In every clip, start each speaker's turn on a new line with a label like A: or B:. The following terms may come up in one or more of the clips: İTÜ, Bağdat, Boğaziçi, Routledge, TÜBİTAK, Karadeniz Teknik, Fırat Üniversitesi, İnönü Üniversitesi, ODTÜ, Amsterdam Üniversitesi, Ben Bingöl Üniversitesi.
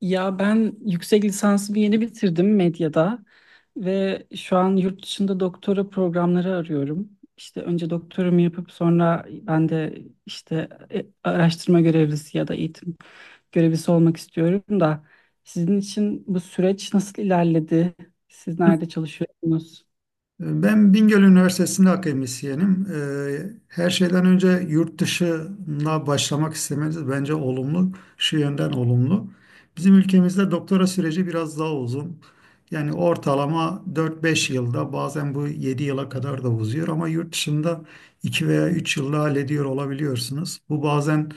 A: Ya ben yüksek lisansımı yeni bitirdim medyada ve şu an yurt dışında doktora programları arıyorum. İşte önce doktorumu yapıp sonra ben de işte araştırma görevlisi ya da eğitim görevlisi olmak istiyorum da sizin için bu süreç nasıl ilerledi? Siz nerede çalışıyorsunuz?
B: Ben Bingöl Üniversitesi'nde akademisyenim. Her şeyden önce yurt dışına başlamak istemeniz bence olumlu, şu yönden olumlu. Bizim ülkemizde doktora süreci biraz daha uzun. Yani ortalama dört beş yılda bazen bu 7 yıla kadar da uzuyor ama yurt dışında 2 veya 3 yılda hallediyor olabiliyorsunuz. Bu bazen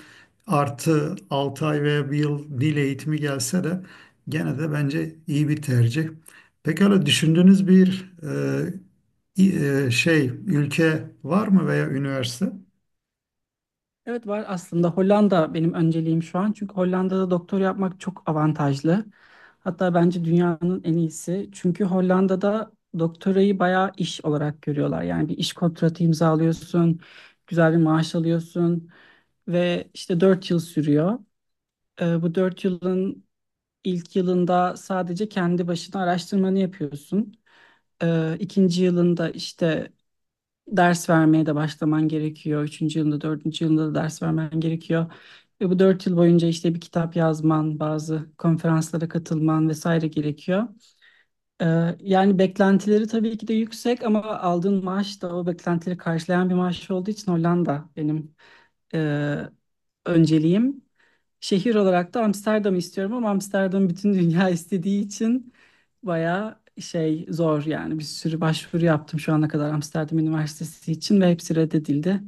B: artı 6 ay veya bir yıl dil eğitimi gelse de gene de bence iyi bir tercih. Pekala düşündüğünüz bir şey ülke var mı veya üniversite?
A: Evet var aslında Hollanda benim önceliğim şu an. Çünkü Hollanda'da doktor yapmak çok avantajlı. Hatta bence dünyanın en iyisi. Çünkü Hollanda'da doktorayı bayağı iş olarak görüyorlar. Yani bir iş kontratı imzalıyorsun, güzel bir maaş alıyorsun ve işte 4 yıl sürüyor. Bu 4 yılın ilk yılında sadece kendi başına araştırmanı yapıyorsun. İkinci yılında işte ders vermeye de başlaman gerekiyor. Üçüncü yılında, dördüncü yılında da ders vermen gerekiyor. Ve bu 4 yıl boyunca işte bir kitap yazman, bazı konferanslara katılman vesaire gerekiyor. Yani beklentileri tabii ki de yüksek ama aldığın maaş da o beklentileri karşılayan bir maaş olduğu için Hollanda benim e, önceliğim. Şehir olarak da Amsterdam'ı istiyorum ama Amsterdam bütün dünya istediği için bayağı şey zor yani bir sürü başvuru yaptım şu ana kadar Amsterdam Üniversitesi için ve hepsi reddedildi.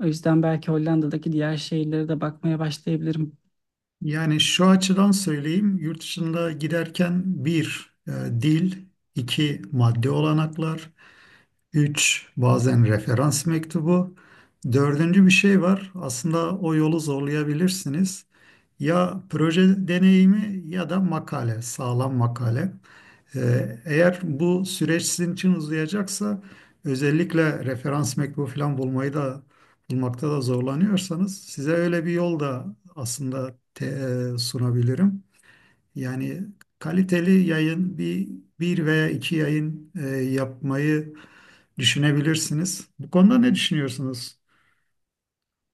A: O yüzden belki Hollanda'daki diğer şehirlere de bakmaya başlayabilirim.
B: Yani şu açıdan söyleyeyim, yurt dışında giderken bir dil, iki maddi olanaklar, üç bazen referans mektubu, dördüncü bir şey var. Aslında o yolu zorlayabilirsiniz. Ya proje deneyimi ya da makale, sağlam makale. Eğer bu süreç sizin için uzayacaksa özellikle referans mektubu falan bulmayı da bulmakta da zorlanıyorsanız size öyle bir yol da aslında sunabilirim. Yani kaliteli yayın bir veya iki yayın yapmayı düşünebilirsiniz. Bu konuda ne düşünüyorsunuz?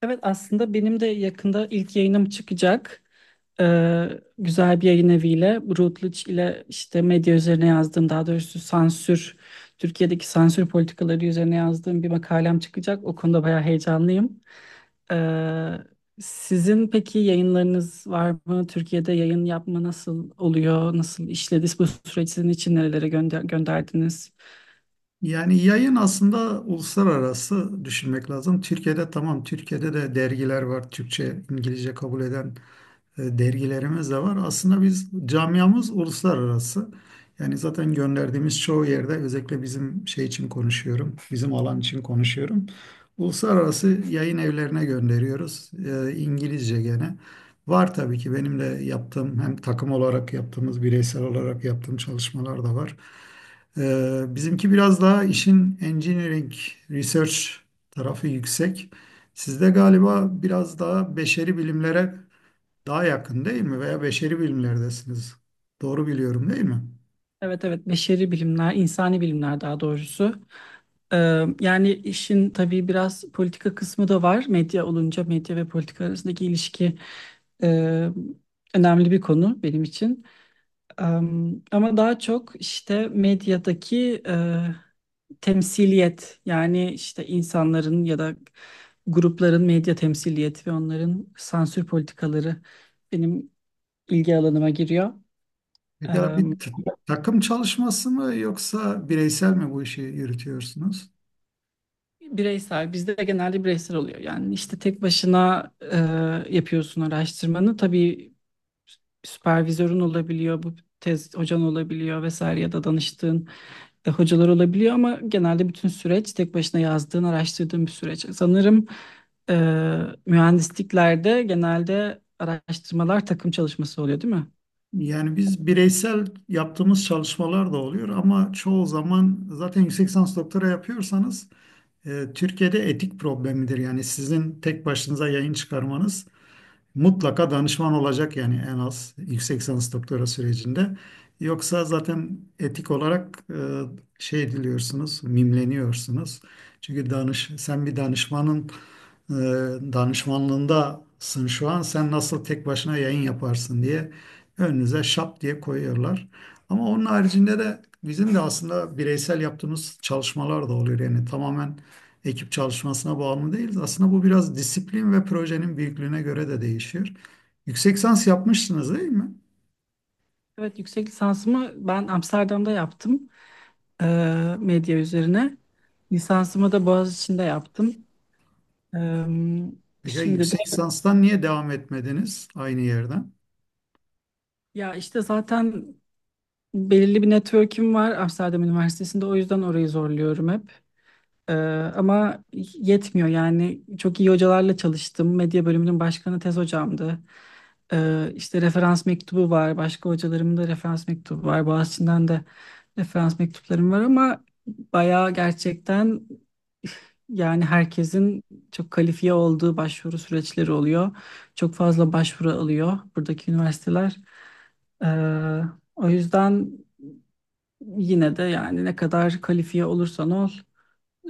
A: Evet aslında benim de yakında ilk yayınım çıkacak. Ee, Güzel bir yayın eviyle Routledge ile işte medya üzerine yazdığım, daha doğrusu sansür, Türkiye'deki sansür politikaları üzerine yazdığım bir makalem çıkacak. O konuda bayağı heyecanlıyım. Ee, Sizin peki yayınlarınız var mı? Türkiye'de yayın yapma nasıl oluyor? Nasıl işledi? Bu süreç sizin için nerelere gönderdiniz?
B: Yani yayın aslında uluslararası düşünmek lazım. Türkiye'de tamam, Türkiye'de de dergiler var, Türkçe, İngilizce kabul eden dergilerimiz de var. Aslında biz camiamız uluslararası. Yani zaten gönderdiğimiz çoğu yerde özellikle bizim şey için konuşuyorum, bizim alan için konuşuyorum. Uluslararası yayın evlerine gönderiyoruz. E, İngilizce gene. Var tabii ki benim de yaptığım hem takım olarak yaptığımız bireysel olarak yaptığım çalışmalar da var. Bizimki biraz daha işin engineering research tarafı yüksek. Sizde galiba biraz daha beşeri bilimlere daha yakın değil mi? Veya beşeri bilimlerdesiniz. Doğru biliyorum değil mi?
A: Evet evet, beşeri bilimler, insani bilimler daha doğrusu. Ee, Yani işin tabii biraz politika kısmı da var. Medya olunca medya ve politika arasındaki ilişki e, önemli bir konu benim için. Ee, Ama daha çok işte medyadaki temsiliyet, yani işte insanların ya da grupların medya temsiliyeti ve onların sansür politikaları benim ilgi alanıma giriyor.
B: Pekala bir takım çalışması mı yoksa bireysel mi bu işi yürütüyorsunuz?
A: Bireysel, bizde de genelde bireysel oluyor. Yani işte tek başına yapıyorsun araştırmanı. Tabii süpervizörün olabiliyor, bu tez hocan olabiliyor vesaire, ya da danıştığın hocalar olabiliyor ama genelde bütün süreç tek başına yazdığın, araştırdığın bir süreç. Sanırım e, mühendisliklerde genelde araştırmalar takım çalışması oluyor, değil mi?
B: Yani biz bireysel yaptığımız çalışmalar da oluyor ama çoğu zaman zaten yüksek lisans doktora yapıyorsanız Türkiye'de etik problemidir. Yani sizin tek başınıza yayın çıkarmanız mutlaka danışman olacak yani en az yüksek lisans doktora sürecinde. Yoksa zaten etik olarak şey ediliyorsunuz, mimleniyorsunuz. Çünkü sen bir danışmanın e, danışmanlığındasın şu an. Sen nasıl tek başına yayın yaparsın diye önünüze şap diye koyuyorlar. Ama onun haricinde de bizim de aslında bireysel yaptığımız çalışmalar da oluyor. Yani tamamen ekip çalışmasına bağımlı değiliz. Aslında bu biraz disiplin ve projenin büyüklüğüne göre de değişiyor. Yüksek lisans yapmışsınız değil mi?
A: Evet, yüksek lisansımı ben Amsterdam'da yaptım, e, medya üzerine. Lisansımı da Boğaziçi'nde yaptım. E,
B: Peki
A: şimdi de
B: yüksek lisanstan niye devam etmediniz aynı yerden?
A: ya işte zaten belirli bir network'üm var Amsterdam Üniversitesi'nde, o yüzden orayı zorluyorum hep. Ee, ama yetmiyor yani, çok iyi hocalarla çalıştım. Medya bölümünün başkanı tez hocamdı. İşte referans mektubu var. Başka hocalarımın da referans mektubu var. Boğaziçi'nden de referans mektuplarım var ama bayağı gerçekten, yani herkesin çok kalifiye olduğu başvuru süreçleri oluyor. Çok fazla başvuru alıyor buradaki üniversiteler. Ee, o yüzden yine de yani ne kadar kalifiye olursan ol.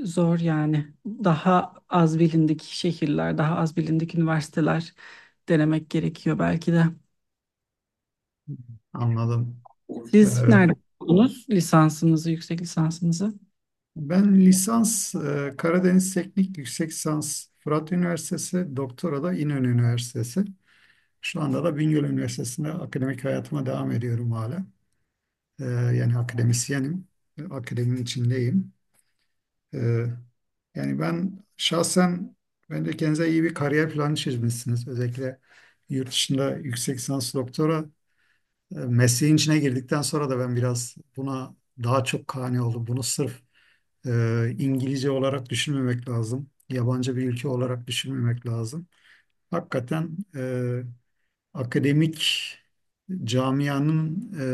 A: Zor yani. Daha az bilindik şehirler, daha az bilindik üniversiteler denemek gerekiyor belki de.
B: Anladım. Ee,
A: Siz nerede okudunuz lisansınızı, yüksek lisansınızı?
B: ben lisans Karadeniz Teknik Yüksek Lisans Fırat Üniversitesi, doktora da İnönü Üniversitesi. Şu anda da Bingöl Üniversitesi'nde akademik hayatıma devam ediyorum hala. Yani akademisyenim, akademinin içindeyim. Ee, yani ben şahsen bence kendinize iyi bir kariyer planı çizmişsiniz. Özellikle yurt dışında yüksek lisans doktora mesleğin içine girdikten sonra da ben biraz buna daha çok kani oldum. Bunu sırf e, İngilizce olarak düşünmemek lazım. Yabancı bir ülke olarak düşünmemek lazım. Hakikaten akademik camianın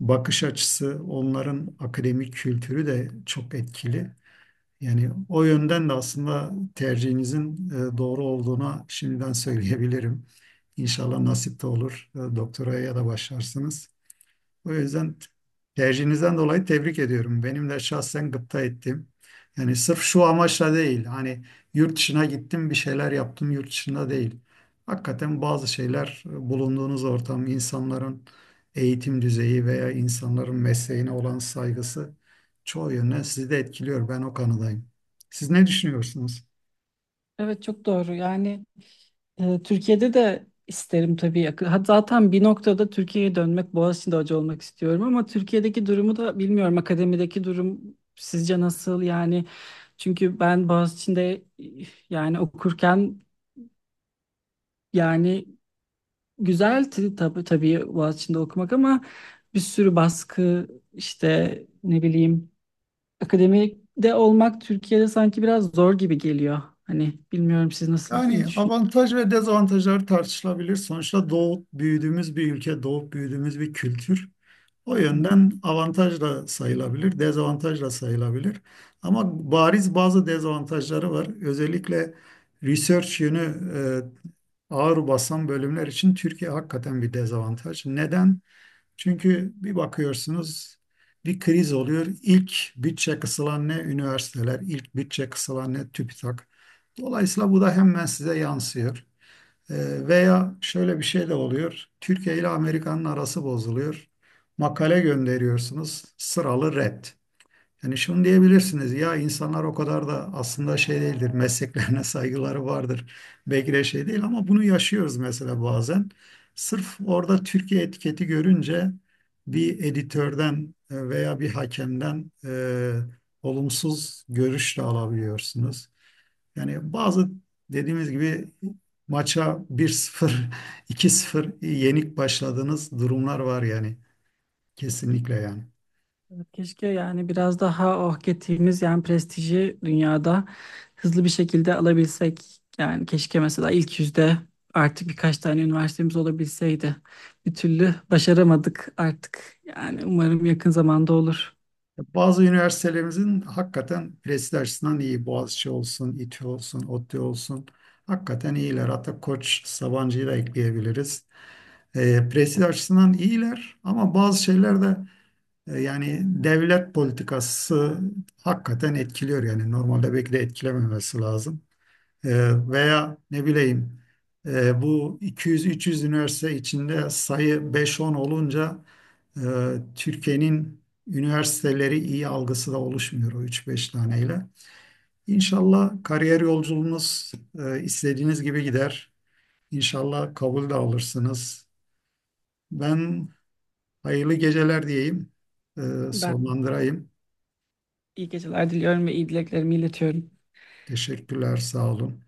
B: bakış açısı, onların akademik kültürü de çok etkili. Yani o yönden de aslında tercihinizin doğru olduğuna şimdiden söyleyebilirim. İnşallah nasip de olur. Doktoraya da başlarsınız. O yüzden tercihinizden dolayı tebrik ediyorum. Benim de şahsen gıpta ettim. Yani sırf şu amaçla değil. Hani yurt dışına gittim bir şeyler yaptım yurt dışında değil. Hakikaten bazı şeyler bulunduğunuz ortam, insanların eğitim düzeyi veya insanların mesleğine olan saygısı çoğu yönden sizi de etkiliyor. Ben o kanadayım. Siz ne düşünüyorsunuz?
A: Evet çok doğru. Yani Türkiye'de de isterim tabii. Ha, zaten bir noktada Türkiye'ye dönmek, Boğaziçi'nde hoca olmak istiyorum ama Türkiye'deki durumu da bilmiyorum. Akademideki durum sizce nasıl? Yani. Çünkü ben Boğaziçi'nde, yani okurken, yani güzeldi tabii tabii Boğaziçi'nde okumak ama bir sürü baskı işte, ne bileyim, akademide olmak Türkiye'de sanki biraz zor gibi geliyor. Hani bilmiyorum siz nasıl ne.
B: Yani avantaj ve dezavantajlar tartışılabilir. Sonuçta doğup büyüdüğümüz bir ülke, doğup büyüdüğümüz bir kültür. O yönden avantaj da sayılabilir, dezavantaj da sayılabilir. Ama bariz bazı dezavantajları var. Özellikle research yönü ağır basan bölümler için Türkiye hakikaten bir dezavantaj. Neden? Çünkü bir bakıyorsunuz bir kriz oluyor. İlk bütçe kısılan ne üniversiteler, ilk bütçe kısılan ne TÜBİTAK. Dolayısıyla bu da hemen size yansıyor. Veya şöyle bir şey de oluyor. Türkiye ile Amerika'nın arası bozuluyor. Makale gönderiyorsunuz, sıralı red. Yani şunu diyebilirsiniz ya insanlar o kadar da aslında şey değildir, mesleklerine saygıları vardır. Belki de şey değil ama bunu yaşıyoruz mesela bazen. Sırf orada Türkiye etiketi görünce bir editörden veya bir hakemden olumsuz görüş de alabiliyorsunuz. Yani bazı dediğimiz gibi maça 1-0, 2-0 yenik başladığınız durumlar var yani. Kesinlikle yani.
A: Keşke yani biraz daha oh ettiğimiz, yani prestiji dünyada hızlı bir şekilde alabilsek. Yani keşke mesela ilk 100'de artık birkaç tane üniversitemiz olabilseydi. Bir türlü başaramadık artık. Yani umarım yakın zamanda olur.
B: Bazı üniversitelerimizin hakikaten prestij açısından iyi. Boğaziçi olsun, İTÜ olsun, ODTÜ olsun. Hakikaten iyiler. Hatta Koç Sabancı'yı da ekleyebiliriz. E, prestij açısından iyiler ama bazı şeyler de yani devlet politikası hakikaten etkiliyor yani. Normalde belki de etkilememesi lazım. Veya ne bileyim bu 200-300 üniversite içinde sayı 5-10 olunca e, Türkiye'nin üniversiteleri iyi algısı da oluşmuyor o 3-5 taneyle. İnşallah kariyer yolculuğunuz istediğiniz gibi gider. İnşallah kabul de alırsınız. Ben hayırlı geceler diyeyim, e,
A: Ben
B: sonlandırayım.
A: iyi geceler diliyorum ve iyi dileklerimi iletiyorum.
B: Teşekkürler, sağ olun.